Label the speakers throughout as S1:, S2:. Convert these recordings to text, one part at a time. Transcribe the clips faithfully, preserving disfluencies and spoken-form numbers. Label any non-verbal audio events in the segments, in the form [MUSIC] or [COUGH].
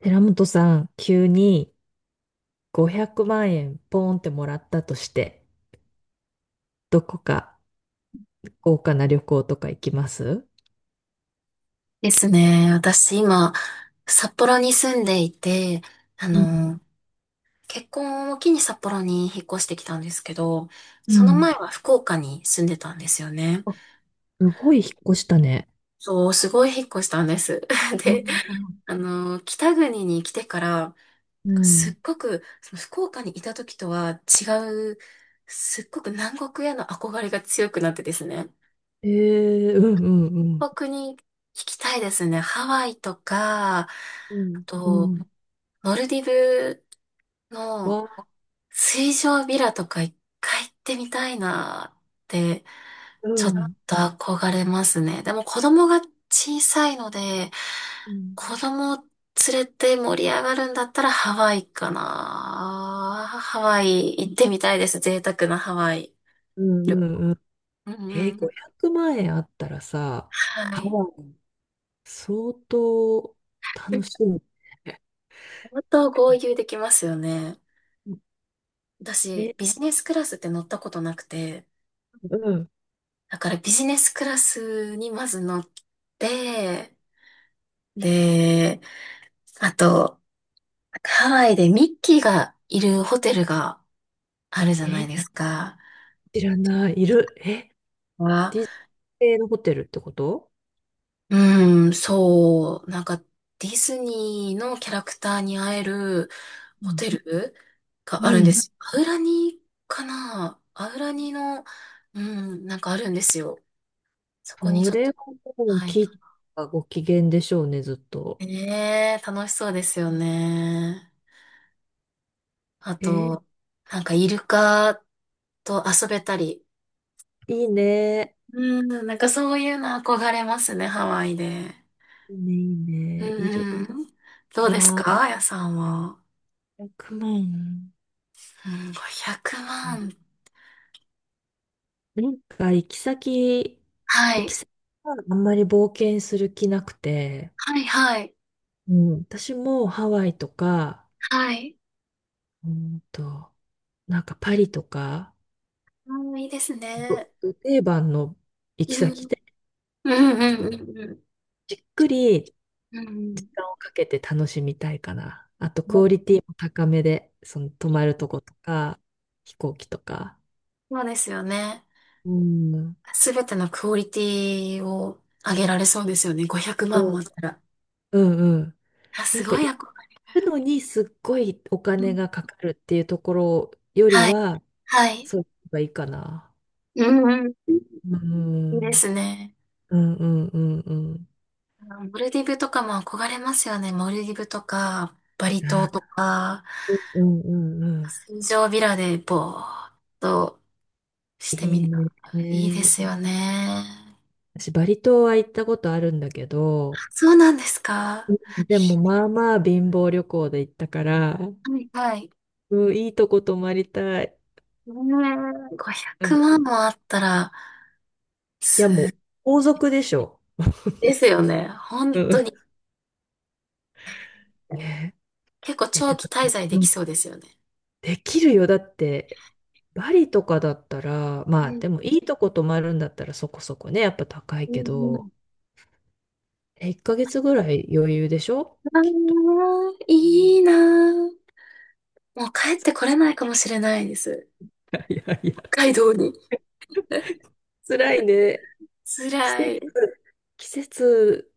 S1: 寺本さん、急にごひゃくまん円ポーンってもらったとして、どこか豪華な旅行とか行きます？
S2: ですね。私今、札幌に住んでいて、あ
S1: うん。
S2: の、結婚を機に札幌に引っ越してきたんですけど、
S1: う
S2: その
S1: ん。
S2: 前は福岡に住んでたんですよね。
S1: あ、すごい引っ越したね。
S2: そう、すごい引っ越したんです。[LAUGHS] で、
S1: あ、
S2: あの、北国に来てから、
S1: う
S2: す
S1: ん。
S2: っごく、その福岡にいた時とは違う、すっごく南国への憧れが強くなってですね。
S1: えー、うん。うん。
S2: 北に行きたいですね。ハワイとか、あ
S1: うん。うん。
S2: と、
S1: うん。
S2: モルディブの
S1: わ、
S2: 水上ビラとかいっかい行ってみたいなーって、
S1: う
S2: ちょっ
S1: ん。
S2: と憧れますね。でも子供が小さいので、
S1: うん。
S2: 子供連れて盛り上がるんだったらハワイかな、ハワイ行ってみたいです。贅沢なハワイ。
S1: うんうんうん。
S2: うん
S1: え
S2: うん
S1: ー、
S2: うん。
S1: ごひゃくまん円あったらさ、
S2: は
S1: ハ
S2: い。
S1: ワイ、相当楽しみ。
S2: 本当豪遊できますよね。私、
S1: え、
S2: ビジネスクラスって乗ったことなくて、
S1: うん。
S2: だからビジネスクラスにまず乗って、で、あと、ハワイでミッキーがいるホテルがあるじゃない
S1: え、
S2: ですか。
S1: 知らない。いる。え、
S2: は、
S1: ディズニー系のホテルってこと？
S2: うん、そう、なんかディズニーのキャラクターに会える
S1: う
S2: ホ
S1: ん。
S2: テルがあ
S1: う
S2: るんで
S1: ん。
S2: す。アウラニかな、アウラニの、うん、なんかあるんですよ。そこに
S1: そ
S2: ちょっ
S1: れ
S2: と、
S1: はもう、
S2: はい。
S1: キッがご機嫌でしょうね、ずっと。
S2: ねえ、楽しそうですよね。あ
S1: えー、
S2: と、なんかイルカと遊べたり、
S1: いいね。
S2: うん、なんかそういうの憧れますね、ハワイで。
S1: いいね、いい
S2: う
S1: ね。いる
S2: ん
S1: か
S2: うん。どうです
S1: な。
S2: か、あやさんは。
S1: いちまん。
S2: うん、500
S1: うん。
S2: 万。
S1: なんか、行き先、
S2: は
S1: 行き
S2: い。
S1: 先はあんまり冒険する気なくて、
S2: はいはい。
S1: うん、私もハワイとか、
S2: はい。
S1: うんと、なんかパリとか、
S2: うん、いいです
S1: ど
S2: ね。
S1: ど定番の行
S2: う
S1: き先
S2: ん。
S1: で、
S2: うんうんうん
S1: じっくり時
S2: うん。
S1: 間をかけて楽しみたいかな。あと、
S2: う
S1: ク
S2: ん。
S1: オリティも高めで、その泊まるとことか、飛行機とか。
S2: そうですよね。
S1: うん。うん
S2: すべてのクオリティを上げられそうですよね。ごひゃくまんもあったら。
S1: うんうん。
S2: あ、
S1: な
S2: す
S1: んか
S2: ごい憧
S1: 行
S2: れ。
S1: くのにすっごいお
S2: う
S1: 金
S2: ん。
S1: がかかるっていうところより
S2: はい。
S1: は、
S2: はい。
S1: そういうのがいいかな。
S2: うんうん。い
S1: う
S2: いで
S1: ん。
S2: すね。
S1: うんうんうんうん。
S2: モルディブとかも憧れますよね。モルディブとか、バリ島とか、
S1: うんうんうん。
S2: 水上ビラでぼーっとして
S1: い
S2: みた。
S1: い
S2: いいで
S1: ね。
S2: すよね。
S1: 私、バリ島は行ったことあるんだけど、
S2: そうなんですか。
S1: でもまあまあ貧乏旅行で行ったから、
S2: はいはい。
S1: うん、いいとこ泊まりたい。
S2: ねえ、500
S1: うん。
S2: 万
S1: い
S2: もあったら、
S1: や、
S2: す、
S1: もう、皇族でしょ。
S2: ですよね。本
S1: う
S2: 当
S1: ん。
S2: に。
S1: [LAUGHS] ね
S2: 結構
S1: え、え、て
S2: 長期
S1: かさ、
S2: 滞在で
S1: う
S2: き
S1: ん、
S2: そうですよね。
S1: できるよ。だって、バリとかだったら、
S2: う
S1: まあ、で
S2: ん
S1: もいいとこ泊まるんだったらそこそこね、やっぱ高い
S2: う
S1: け
S2: んうん。
S1: ど、え、いっかげつぐらい余裕でしょきっと。
S2: あー
S1: [LAUGHS] う
S2: い
S1: ん。
S2: いなー。もう帰ってこれないかもしれないです。
S1: いやいや、
S2: 北海
S1: [LAUGHS]
S2: 道に。
S1: 辛いね。季
S2: 辛
S1: 節、
S2: い。
S1: 季節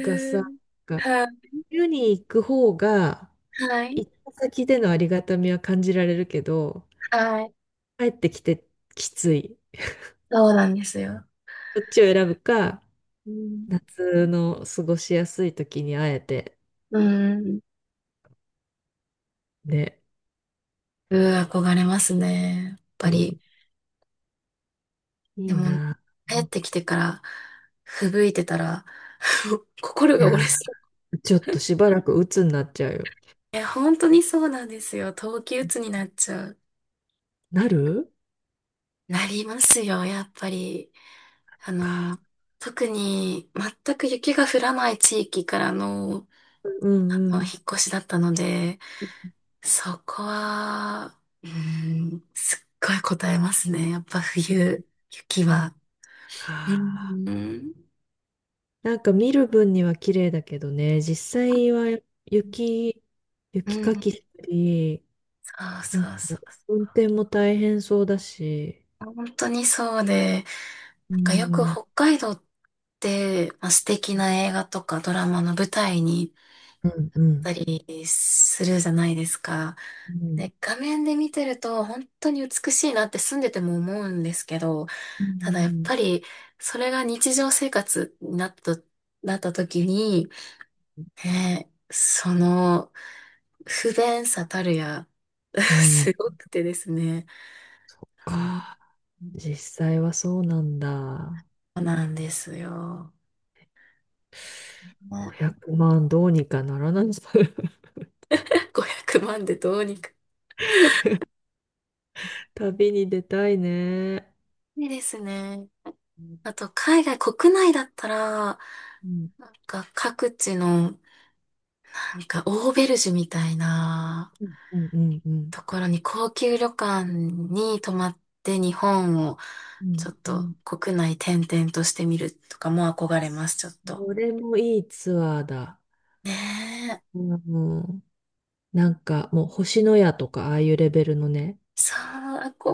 S1: がさ、
S2: ん。
S1: が
S2: はい。
S1: 冬に行く方が、
S2: はい。
S1: 行った先でのありがたみは感じられるけど、
S2: はい。
S1: 帰ってきてきつい。
S2: そうなんですよ。
S1: どっちを選ぶか、
S2: うん。
S1: 夏の過ごしやすい時に会えて、
S2: うん。
S1: ね。
S2: うん、憧れますね。やっ
S1: う
S2: ぱ
S1: ん。
S2: り。で
S1: いい
S2: も、
S1: な。
S2: 帰ってきてから、吹雪いてたら、[LAUGHS] 心
S1: い
S2: が
S1: や
S2: 折
S1: ー、
S2: れそう。
S1: ちょっとしばらく鬱になっちゃうよ。
S2: え、本当にそうなんですよ。冬季うつになっちゃう。
S1: なる
S2: なりますよ、やっぱり。あの、
S1: か。
S2: 特に全く雪が降らない地域からの、
S1: うん
S2: あ
S1: う
S2: の、
S1: ん。
S2: 引っ越しだったので、そこは、うん、すっごい答えますね。やっぱ冬、雪は。う
S1: か。
S2: ん、
S1: なんか見る分には綺麗だけどね、実際は雪、
S2: う
S1: 雪か
S2: ん。
S1: きしたり、
S2: そう
S1: な
S2: そ
S1: んか
S2: うそう。
S1: 運転も大変そうだし。
S2: 本当にそうで、
S1: う
S2: なんかよく
S1: ん、うん、
S2: 北海道って、まあ、素敵な映画とかドラマの舞台に
S1: うん。
S2: たりするじゃないですか。
S1: うん、
S2: で、画面で見てると本当に美しいなって住んでても思うんですけど、
S1: うん。う
S2: ただやっ
S1: ん
S2: ぱりそれが日常生活になったと、なった時に、ね、その不便さたるや、[LAUGHS]
S1: うん。
S2: すごくてですね。うん、
S1: か。実際はそうなんだ。
S2: そうなんですよ。ね、
S1: ごひゃくまんどうにかならないの？ [LAUGHS]
S2: ごひゃくまん [LAUGHS] でどうにか。
S1: 旅に出たいね。
S2: いいですね。
S1: うん、
S2: あと、海外、国内だったら、
S1: うん、
S2: なんか各地の、なんかオーベルジュみたいな
S1: うん、うん、うん。
S2: ところに高級旅館に泊まって日本を
S1: う
S2: ちょっ
S1: んう
S2: と
S1: ん。
S2: 国内転々としてみるとかも憧れます、ちょっと。
S1: これもいいツアーだ。
S2: ねえ。
S1: うん、なんかもう星のやとかああいうレベルのね、
S2: そう、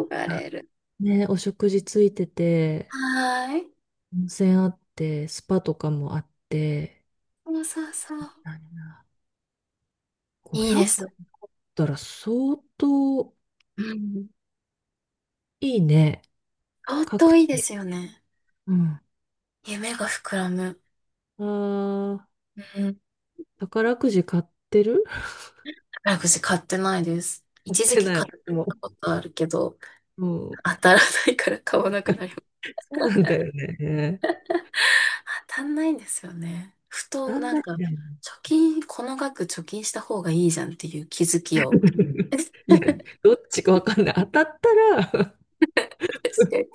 S2: 憧
S1: あ、
S2: れる。
S1: ね、お食事ついてて、
S2: はーい。
S1: 温泉あって、スパとかもあって、
S2: そうそうそう。
S1: 何だ
S2: いい
S1: ごひゃくだ
S2: です。
S1: ったら相当
S2: うん。
S1: いいね。
S2: 相
S1: 確
S2: 当いいで
S1: 定。
S2: すよね。
S1: うん。
S2: 夢が膨らむ。
S1: ああ、
S2: うん。
S1: 宝くじ買ってる。 [LAUGHS]
S2: 宝くじ買ってないです。
S1: 買っ
S2: 一時
S1: て
S2: 期
S1: ない、
S2: 買っ
S1: 私
S2: た
S1: も。
S2: ことあるけど、
S1: うん。
S2: 当たらないから買わなくなります。
S1: そうなんだよね。
S2: 当たんないんですよね。ふ
S1: 当
S2: と
S1: たん
S2: なん
S1: ない
S2: か、貯
S1: んだよね。
S2: 金、この額貯金した方がいいじゃんっていう気づきを。
S1: [LAUGHS]
S2: [LAUGHS]
S1: いや、
S2: 確
S1: どっちかわかんない。当たったら、
S2: かに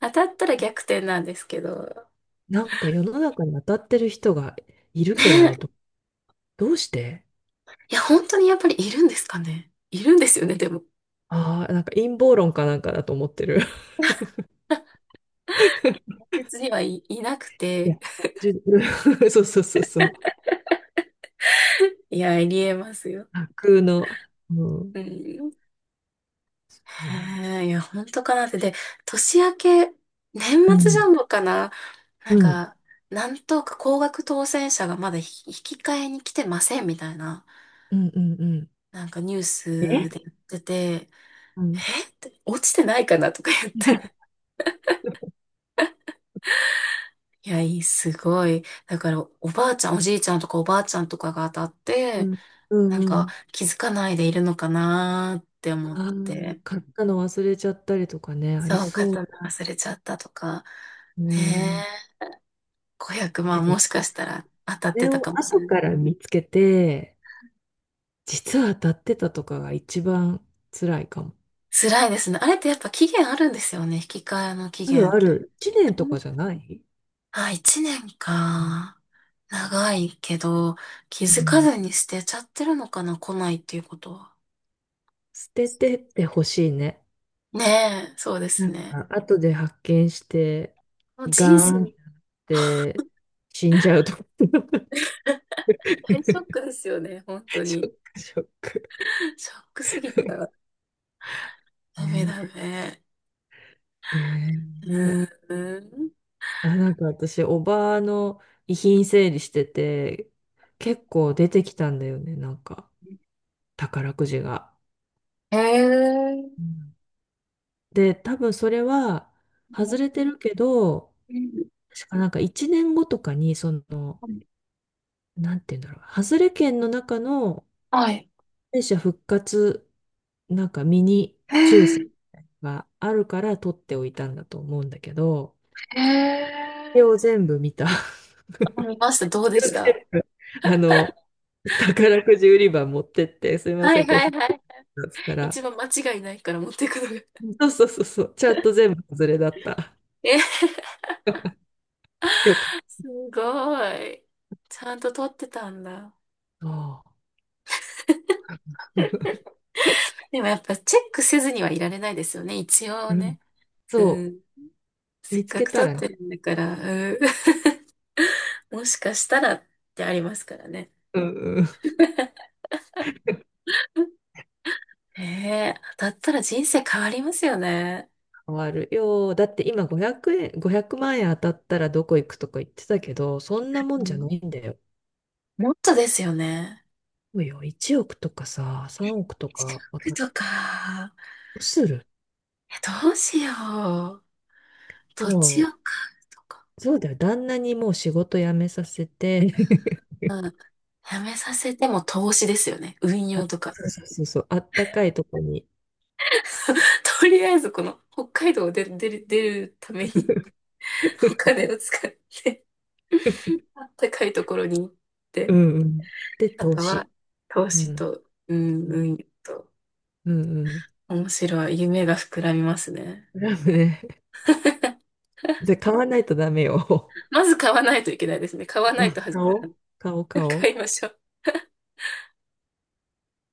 S2: 当たったら逆転なんですけど。
S1: なんか世の中に当たってる人がいるけど、
S2: ね
S1: あれど、
S2: え。
S1: どうして。
S2: いや、本当にやっぱりいるんですかね。いるんですよね、でも。
S1: ああー、なんか陰謀論かなんかだと思ってる。[LAUGHS]
S2: 現実にはい、いなく
S1: い
S2: て。
S1: や、じゅ、 [LAUGHS] そうそうそうそう。
S2: いや、ありえますよ。
S1: 架空の。うん。
S2: うん。
S1: うん。
S2: へえ、いや、本当かなって。で、年明け、年
S1: う
S2: 末ジャ
S1: ん。
S2: ンボかな、な
S1: う
S2: ん
S1: ん。
S2: か、なんとか高額当選者がまだ引引き換えに来てませんみたいな、
S1: うん。うん。うん。
S2: なんかニュー
S1: え、
S2: スで言ってて、
S1: うん。
S2: えって落ちてないかなとか言って。
S1: [LAUGHS]
S2: いや、いい、すごい。だから、おばあちゃん、おじいちゃんとかおばあちゃんとかが当たっ
S1: う
S2: て、
S1: ん、うん
S2: なん
S1: う
S2: か
S1: ん。
S2: 気づかないでいるのかなって思っ
S1: ああ、
S2: て、
S1: 買ったの忘れちゃったりとかね、あり
S2: そう、
S1: そう。
S2: 刀忘れちゃったとか。
S1: う
S2: ね
S1: ん。
S2: え。500
S1: え、
S2: 万
S1: でも、
S2: も
S1: こ
S2: しかしたら当たっ
S1: れ
S2: てた
S1: を
S2: かもし
S1: 後
S2: れない。
S1: から見つけて、実は当たってたとかが一番辛いかも。
S2: 辛いですね。あれってやっぱ期限あるんですよね。引き換えの期
S1: ある
S2: 限っ
S1: あ
S2: て。
S1: る。一年
S2: う
S1: と
S2: ん、
S1: かじゃない？
S2: あ、いちねんか。長いけど、気
S1: う
S2: づか
S1: ん。
S2: ずに捨てちゃってるのかな、来ないっていうことは。
S1: 捨ててってほしいね。
S2: ねえ、そうで
S1: な
S2: す
S1: ん
S2: ね。
S1: か、後で発見して、
S2: もう人
S1: ガーンっ
S2: 生、
S1: て死んじゃうと。[LAUGHS]
S2: 大ショックですよね、本当
S1: ショ
S2: に。
S1: ック、ショック。
S2: ショックすぎた。
S1: [LAUGHS]
S2: ダメ
S1: ね、
S2: ダメ。う
S1: ね、
S2: ーん。
S1: あ、なんか私、おばあの遺品整理してて、結構出てきたんだよね、なんか、宝くじが。
S2: へえ。
S1: うん。で、多分それは外れてるけど、
S2: うん、
S1: 確かなんかいちねんごとかに、その、なんて言うんだろう、外れ券の中の
S2: はい。
S1: 敗者復活、なんかミニ
S2: へ
S1: 抽選
S2: え。
S1: があるから取っておいたんだと思うんだけど、
S2: へ
S1: それを
S2: え。
S1: 全部見た。[LAUGHS]
S2: 見ました。どうでし
S1: 全
S2: た？
S1: 部、あの、宝くじ売り場持ってって、すいま
S2: は
S1: せ
S2: い
S1: ん、こ
S2: はいは
S1: れ、
S2: い。
S1: だっつったら、
S2: 一番間違いないから持っていくのが。
S1: そうそうそうそう、ちゃんと全部外れだった。
S2: え、
S1: よかっ
S2: すごい。ちゃんと撮ってたんだ。
S1: た。
S2: でもやっぱチェックせずにはいられないですよね。一応
S1: うん、
S2: ね。う
S1: そ
S2: ん。
S1: う、
S2: せ
S1: 見
S2: っ
S1: つ
S2: か
S1: け
S2: く
S1: た
S2: 撮っ
S1: らね、
S2: てるんだから、うん。[LAUGHS] もしかしたらってありますからね。
S1: うんうん、
S2: [LAUGHS] へえ、当たったら人生変わりますよね。
S1: 変わるよ。だって今ごひゃくえん、ごひゃくまん円当たったらどこ行くとか言ってたけど、そんなも
S2: う
S1: んじゃ
S2: ん、
S1: ないんだよ。
S2: もっとですよね。
S1: そうよ、いちおくとかさ、さんおくと
S2: 資
S1: か、わか
S2: 格
S1: ど
S2: とか、
S1: うする。
S2: えどうしよう。土
S1: も
S2: 地を
S1: う、
S2: 買うとか。
S1: そうだよ、旦那にもう仕事辞めさせて、
S2: まあ、やめさせても投資ですよね。運
S1: あ、
S2: 用とか。
S1: そうそうそうそう、あったかいとこに。
S2: [LAUGHS] とりあえずこの北海道を出る、出る出るために [LAUGHS] お
S1: [LAUGHS]
S2: 金を使って、あったかいところに行っ
S1: う
S2: て、
S1: んうん。で、
S2: あ
S1: 投
S2: とは
S1: 資。
S2: 投
S1: う
S2: 資
S1: ん。
S2: と、うん、
S1: うん
S2: 運用と、
S1: うんうん。
S2: 面白い。夢が膨らみますね。
S1: クラブね。
S2: [LAUGHS]
S1: じゃあ買わないとダメよ。
S2: まず買わないといけないですね。買わ
S1: [LAUGHS]
S2: な
S1: う
S2: い
S1: ん、
S2: と始
S1: 買
S2: まら
S1: おう。
S2: ない。
S1: [LAUGHS] 買おう、買
S2: [LAUGHS]
S1: おう。
S2: 買いましょう。